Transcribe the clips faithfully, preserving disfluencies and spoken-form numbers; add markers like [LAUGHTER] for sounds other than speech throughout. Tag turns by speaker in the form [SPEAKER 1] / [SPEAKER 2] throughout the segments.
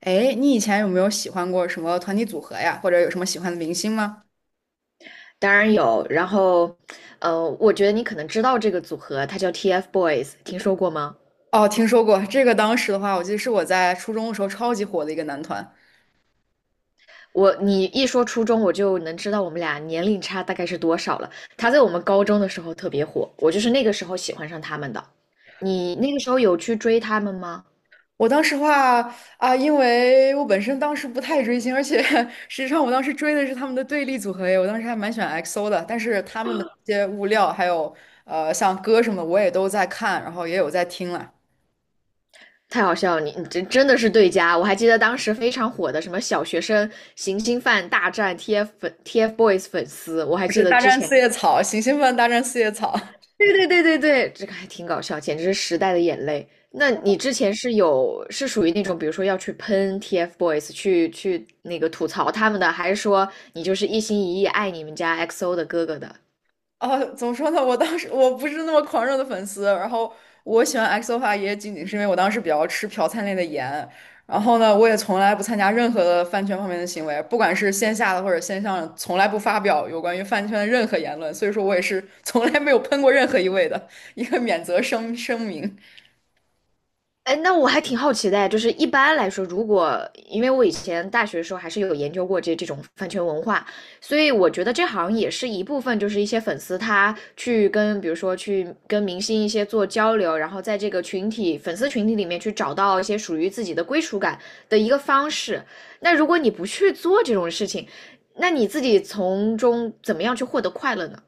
[SPEAKER 1] 哎，你以前有没有喜欢过什么团体组合呀？或者有什么喜欢的明星吗？
[SPEAKER 2] 当然有。然后，呃，我觉得你可能知道这个组合，它叫 TFBOYS，听说过吗？
[SPEAKER 1] 哦，听说过这个。当时的话，我记得是我在初中的时候超级火的一个男团。
[SPEAKER 2] 我你一说初中，我就能知道我们俩年龄差大概是多少了。他在我们高中的时候特别火，我就是那个时候喜欢上他们的。你那个时候有去追他们吗？
[SPEAKER 1] 我当时话啊，因为我本身当时不太追星，而且 [LAUGHS] 实际上我当时追的是他们的对立组合耶。我当时还蛮喜欢 X O 的，但是他们的一些物料还有呃像歌什么的我也都在看，然后也有在听了。
[SPEAKER 2] 太好笑了，你你真真的是对家。我还记得当时非常火的什么小学生行星饭大战 T F 粉 TFBOYS 粉丝，我还
[SPEAKER 1] 就
[SPEAKER 2] 记
[SPEAKER 1] 是
[SPEAKER 2] 得
[SPEAKER 1] 大
[SPEAKER 2] 之
[SPEAKER 1] 战
[SPEAKER 2] 前
[SPEAKER 1] 四叶草，行星们大战四叶草。
[SPEAKER 2] 对对对对对，这个还挺搞笑，简直是时代的眼泪。那你之前是有是属于那种，比如说要去喷 TFBOYS，去去那个吐槽他们的，还是说你就是一心一意爱你们家 X O 的哥哥的？
[SPEAKER 1] 哦，怎么说呢？我当时我不是那么狂热的粉丝，然后我喜欢 x o 的话，也仅仅是因为我当时比较吃朴灿烈的颜，然后呢，我也从来不参加任何的饭圈方面的行为，不管是线下的或者线上的从来不发表有关于饭圈的任何言论，所以说我也是从来没有喷过任何一位的一个免责声声明。
[SPEAKER 2] 哎，那我还挺好奇的。就是一般来说，如果因为我以前大学的时候还是有研究过这这种饭圈文化，所以我觉得这好像也是一部分，就是一些粉丝他去跟，比如说去跟明星一些做交流，然后在这个群体粉丝群体里面去找到一些属于自己的归属感的一个方式。那如果你不去做这种事情，那你自己从中怎么样去获得快乐呢？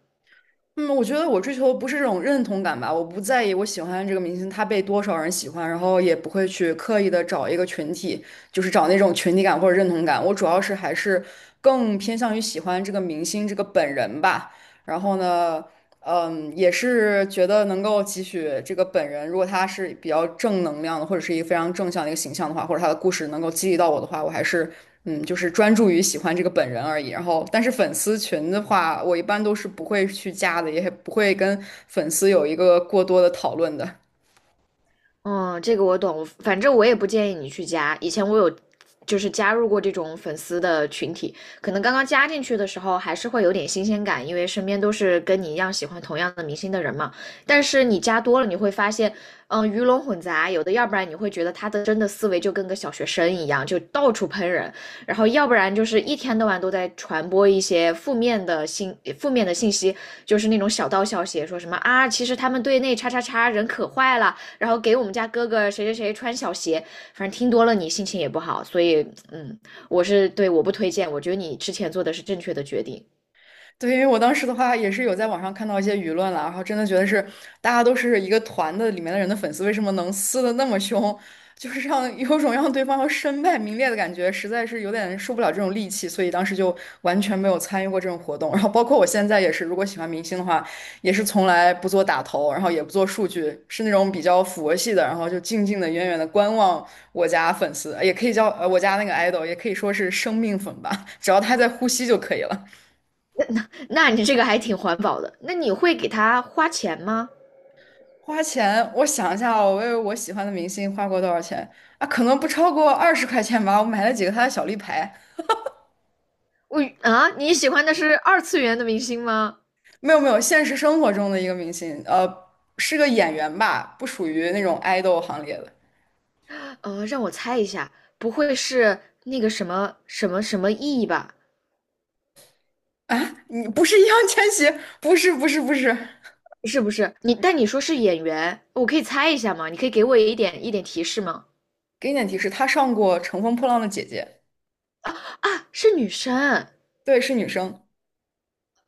[SPEAKER 1] 嗯，我觉得我追求的不是这种认同感吧，我不在意我喜欢这个明星他被多少人喜欢，然后也不会去刻意的找一个群体，就是找那种群体感或者认同感。我主要是还是更偏向于喜欢这个明星这个本人吧。然后呢，嗯，也是觉得能够汲取这个本人，如果他是比较正能量的，或者是一个非常正向的一个形象的话，或者他的故事能够激励到我的话，我还是嗯，就是专注于喜欢这个本人而已。然后，但是粉丝群的话，我一般都是不会去加的，也不会跟粉丝有一个过多的讨论的。
[SPEAKER 2] 嗯，这个我懂，反正我也不建议你去加。以前我有就是加入过这种粉丝的群体，可能刚刚加进去的时候还是会有点新鲜感，因为身边都是跟你一样喜欢同样的明星的人嘛。但是你加多了，你会发现，嗯，鱼龙混杂，有的要不然你会觉得他的真的思维就跟个小学生一样，就到处喷人；然后要不然就是一天到晚都在传播一些负面的信负面的信息，就是那种小道消息，说什么啊，其实他们队内叉叉叉人可坏了，然后给我们家哥哥谁谁谁穿小鞋，反正听多了你心情也不好，所以嗯，我是对我不推荐，我觉得你之前做的是正确的决定。
[SPEAKER 1] 对，因为我当时的话也是有在网上看到一些舆论了，然后真的觉得是大家都是一个团的里面的人的粉丝，为什么能撕的那么凶？[LAUGHS] 就是让有种让对方要身败名裂的感觉，实在是有点受不了这种戾气，所以当时就完全没有参与过这种活动。然后包括我现在也是，如果喜欢明星的话，也是从来不做打头，然后也不做数据，是那种比较佛系的，然后就静静的、远远的观望我家粉丝，也可以叫呃我家那个 idol,也可以说是生命粉吧，只要他在呼吸就可以了。
[SPEAKER 2] 那你这个还挺环保的，那你会给他花钱吗？
[SPEAKER 1] 花钱，我想一下哦，我为我喜欢的明星花过多少钱啊？可能不超过二十块钱吧。我买了几个他的小立牌。
[SPEAKER 2] 我啊，你喜欢的是二次元的明星吗？
[SPEAKER 1] 没有没有，现实生活中的一个明星，呃，是个演员吧，不属于那种爱豆行列的
[SPEAKER 2] 呃，让我猜一下，不会是那个什么什么什么 E 吧？
[SPEAKER 1] 啊。你不是易烊千玺？不是不是不是。
[SPEAKER 2] 是不是你？但你说是演员，我可以猜一下吗？你可以给我一点一点提示吗？
[SPEAKER 1] 给你点提示，他上过《乘风破浪的姐姐》，
[SPEAKER 2] 啊，是女生。
[SPEAKER 1] 对，是女生。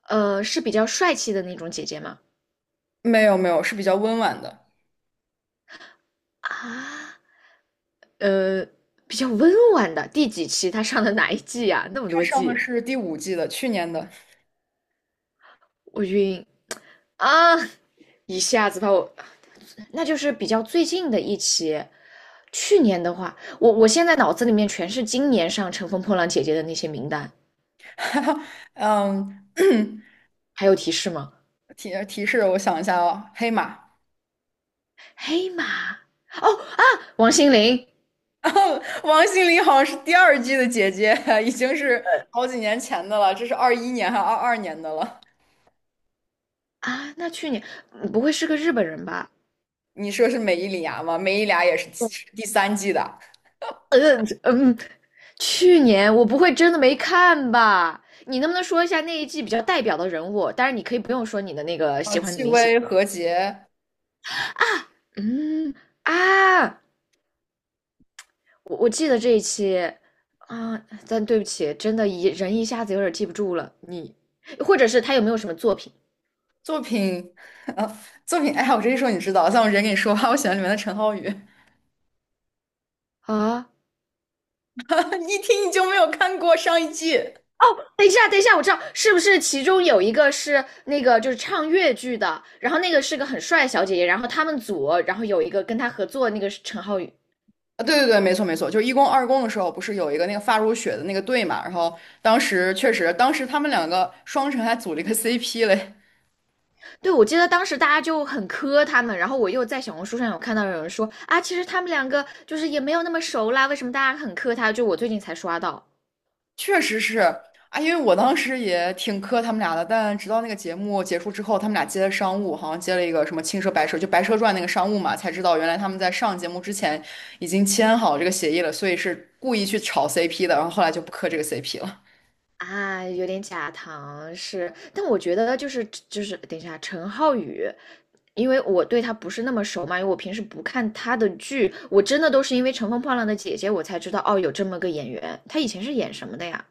[SPEAKER 2] 呃，是比较帅气的那种姐姐吗？
[SPEAKER 1] 没有没有，是比较温婉的。
[SPEAKER 2] 啊，呃，比较温婉的，第几期她上的哪一季呀、那么
[SPEAKER 1] 他
[SPEAKER 2] 多
[SPEAKER 1] 上的
[SPEAKER 2] 季？
[SPEAKER 1] 是第五季的，去年的。
[SPEAKER 2] 我晕啊！一下子把我，那就是比较最近的一期。去年的话，我我现在脑子里面全是今年上《乘风破浪》姐姐的那些名单。
[SPEAKER 1] [LAUGHS] 嗯，
[SPEAKER 2] 还有提示吗？
[SPEAKER 1] [CLEARS THROAT] 提提示，我想一下哦，黑马。
[SPEAKER 2] 黑马哦啊，王心凌。
[SPEAKER 1] [LAUGHS] 然后王心凌好像是第二季的姐姐，[LAUGHS] 已经是好几年前的了，这是二一年还二二年的了。
[SPEAKER 2] 啊，那去年嗯不会是个日本人吧？
[SPEAKER 1] 你说是美依礼芽吗？美依礼芽也是
[SPEAKER 2] 对，
[SPEAKER 1] 第三季的。
[SPEAKER 2] 嗯嗯，去年我不会真的没看吧？你能不能说一下那一季比较代表的人物？当然，你可以不用说你的那个
[SPEAKER 1] 呃，
[SPEAKER 2] 喜欢的
[SPEAKER 1] 戚
[SPEAKER 2] 明星。
[SPEAKER 1] 薇、何洁
[SPEAKER 2] 嗯啊，我我记得这一期啊，但对不起，真的一人一下子有点记不住了。你或者是他有没有什么作品
[SPEAKER 1] 作品，[LAUGHS] 呃，作品，哎呀，我这一说你知道，但我直接跟你说吧，[LAUGHS] 我喜欢里面的陈浩宇，
[SPEAKER 2] 啊？
[SPEAKER 1] [LAUGHS] 一听你就没有看过上一季。
[SPEAKER 2] 哦，等一下，等一下，我知道是不是其中有一个是那个就是唱越剧的，然后那个是个很帅的小姐姐，然后他们组，然后有一个跟他合作的那个是陈浩宇。
[SPEAKER 1] 啊，对对对，没错没错，就是一公二公的时候，不是有一个那个发如雪的那个队嘛？然后当时确实，当时他们两个双城还组了一个 C P 嘞。
[SPEAKER 2] 对，我记得当时大家就很磕他们，然后我又在小红书上有看到有人说啊，其实他们两个就是也没有那么熟啦，为什么大家很磕他？就我最近才刷到
[SPEAKER 1] 确实是啊，因为我当时也挺磕他们俩的，但直到那个节目结束之后，他们俩接的商务，好像接了一个什么青蛇白蛇，就《白蛇传》那个商务嘛，才知道原来他们在上节目之前已经签好这个协议了，所以是故意去炒 C P 的，然后后来就不磕这个 C P 了。
[SPEAKER 2] 啊，有点假糖是，但我觉得就是就是等一下，陈浩宇因为我对他不是那么熟嘛，因为我平时不看他的剧，我真的都是因为《乘风破浪的姐姐》我才知道哦，有这么个演员，他以前是演什么的呀？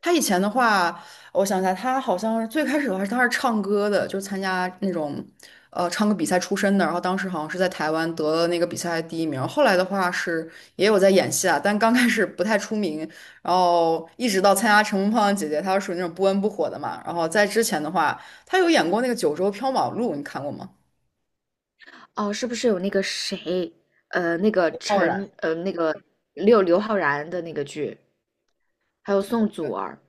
[SPEAKER 1] 他以前的话，我想一下，他好像是最开始的话，他是唱歌的，就是参加那种呃唱歌比赛出身的。然后当时好像是在台湾得了那个比赛第一名。后来的话是也有在演戏啊，但刚开始不太出名，然后一直到参加《乘风破浪姐姐》，他是属于那种不温不火的嘛。然后在之前的话，他有演过那个《九州缥缈录》，你看过吗？
[SPEAKER 2] 哦，是不是有那个谁，呃，那个
[SPEAKER 1] 傲然。
[SPEAKER 2] 陈，呃，那个刘刘昊然的那个剧，还有宋祖
[SPEAKER 1] 对。
[SPEAKER 2] 儿？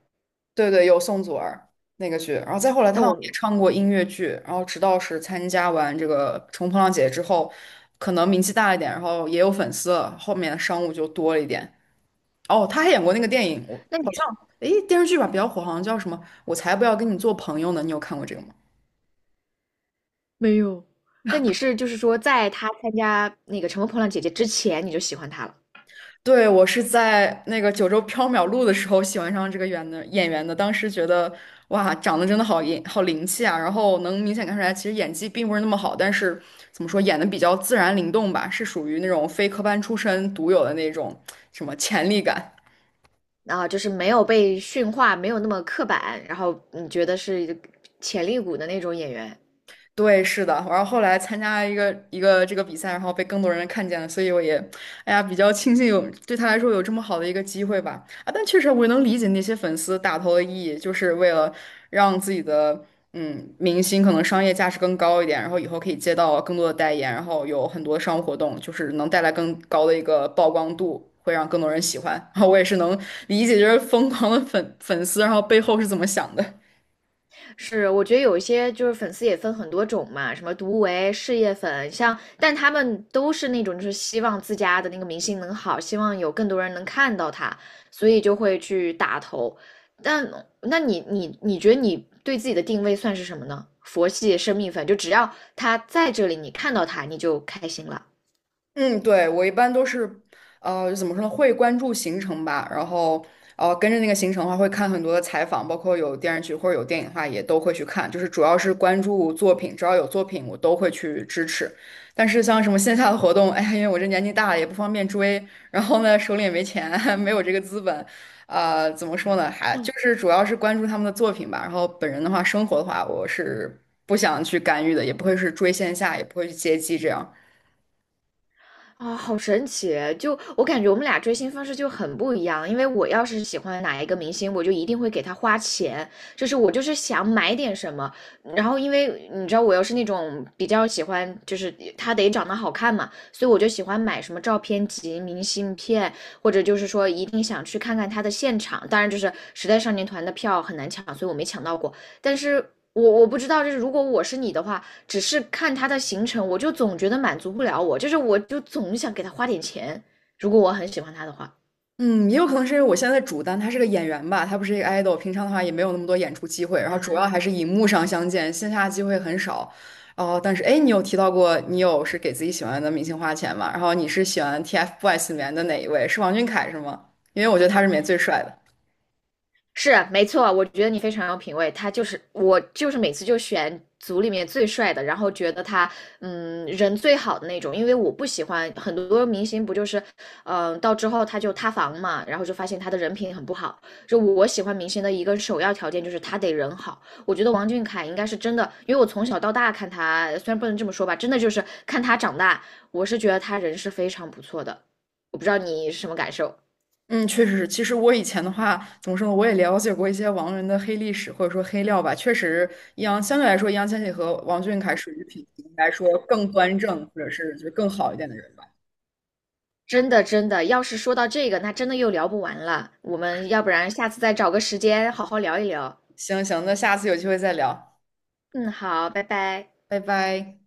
[SPEAKER 1] 对对，有宋祖儿那个剧，然后再后来他
[SPEAKER 2] 但
[SPEAKER 1] 好像也
[SPEAKER 2] 我，
[SPEAKER 1] 唱过音乐剧，然后直到是参加完这个《乘风破浪姐姐》之后，可能名气大一点，然后也有粉丝了，后面的商务就多了一点。哦，他还演过那个电影，我
[SPEAKER 2] 那你
[SPEAKER 1] 好像
[SPEAKER 2] 是
[SPEAKER 1] 诶电视剧吧比较火，好像叫什么《我才不要跟你做朋友呢》，你有看过这个吗？
[SPEAKER 2] 没有？那你是就是说，在他参加那个《乘风破浪姐姐》之前，你就喜欢他了？
[SPEAKER 1] 对，我是在那个九州缥缈录的时候喜欢上这个演的演员的，当时觉得哇，长得真的好英好灵气啊，然后能明显看出来，其实演技并不是那么好，但是怎么说，演的比较自然灵动吧，是属于那种非科班出身独有的那种什么潜力感。
[SPEAKER 2] 然后就是没有被驯化，没有那么刻板，然后你觉得是潜力股的那种演员。
[SPEAKER 1] 对，是的，然后后来参加一个一个这个比赛，然后被更多人看见了，所以我也，哎呀，比较庆幸有对他来说有这么好的一个机会吧。啊，但确实我也能理解那些粉丝打投的意义，就是为了让自己的嗯明星可能商业价值更高一点，然后以后可以接到更多的代言，然后有很多商务活动，就是能带来更高的一个曝光度，会让更多人喜欢。[LAUGHS] 然后我也是能理解，就是疯狂的粉粉丝，然后背后是怎么想的。
[SPEAKER 2] 是，我觉得有一些就是粉丝也分很多种嘛，什么独为事业粉，像，但他们都是那种就是希望自家的那个明星能好，希望有更多人能看到他，所以就会去打头。但那你你你觉得你对自己的定位算是什么呢？佛系生命粉，就只要他在这里，你看到他你就开心了。
[SPEAKER 1] 嗯，对，我一般都是，呃，怎么说呢，会关注行程吧，然后，呃，跟着那个行程的话，会看很多的采访，包括有电视剧或者有电影的话，也都会去看，就是主要是关注作品，只要有作品，我都会去支持。但是像什么线下的活动，哎呀，因为我这年纪大了，也不方便追，然后呢，手里也没钱，[LAUGHS] 没有这个资本，呃，怎么说呢，还就是主要是关注他们的作品吧。然后本人的话，生活的话，我是不想去干预的，也不会是追线下，也不会去接机这样。
[SPEAKER 2] 啊，好神奇！就我感觉我们俩追星方式就很不一样，因为我要是喜欢哪一个明星，我就一定会给他花钱，就是我就是想买点什么。然后因为你知道我又是那种比较喜欢，就是他得长得好看嘛，所以我就喜欢买什么照片集、明信片，或者就是说一定想去看看他的现场。当然，就是时代少年团的票很难抢，所以我没抢到过。但是我我不知道，就是如果我是你的话，只是看他的行程，我就总觉得满足不了我，就是我就总想给他花点钱，如果我很喜欢他的话。
[SPEAKER 1] 嗯，也有可能是因为我现在的主单他是个演员吧，他不是一个 idol,平常的话也没有那么多演出机会，然后主要
[SPEAKER 2] 啊，
[SPEAKER 1] 还是荧幕上相见，线下机会很少。哦，但是哎，你有提到过你有是给自己喜欢的明星花钱吗？然后你是喜欢 TFBOYS 里面的哪一位？是王俊凯是吗？因为我觉得他是里面最帅的。
[SPEAKER 2] 是没错，我觉得你非常有品味。他就是我，就是每次就选组里面最帅的，然后觉得他嗯人最好的那种。因为我不喜欢很多明星，不就是嗯、呃到之后他就塌房嘛，然后就发现他的人品很不好。就我喜欢明星的一个首要条件就是他得人好。我觉得王俊凯应该是真的，因为我从小到大看他，虽然不能这么说吧，真的就是看他长大，我是觉得他人是非常不错的。我不知道你是什么感受。
[SPEAKER 1] 嗯，确实是。其实我以前的话，怎么说呢？我也了解过一些王源的黑历史或者说黑料吧。确实，易烊相对来说，易烊千玺和王俊凯属于品行来说更端正，或者是就是更好一点的人。
[SPEAKER 2] 真的，真的，要是说到这个，那真的又聊不完了。我们要不然下次再找个时间好好聊一聊。
[SPEAKER 1] 行行，那下次有机会再聊，
[SPEAKER 2] 嗯，好，拜拜。
[SPEAKER 1] 拜拜。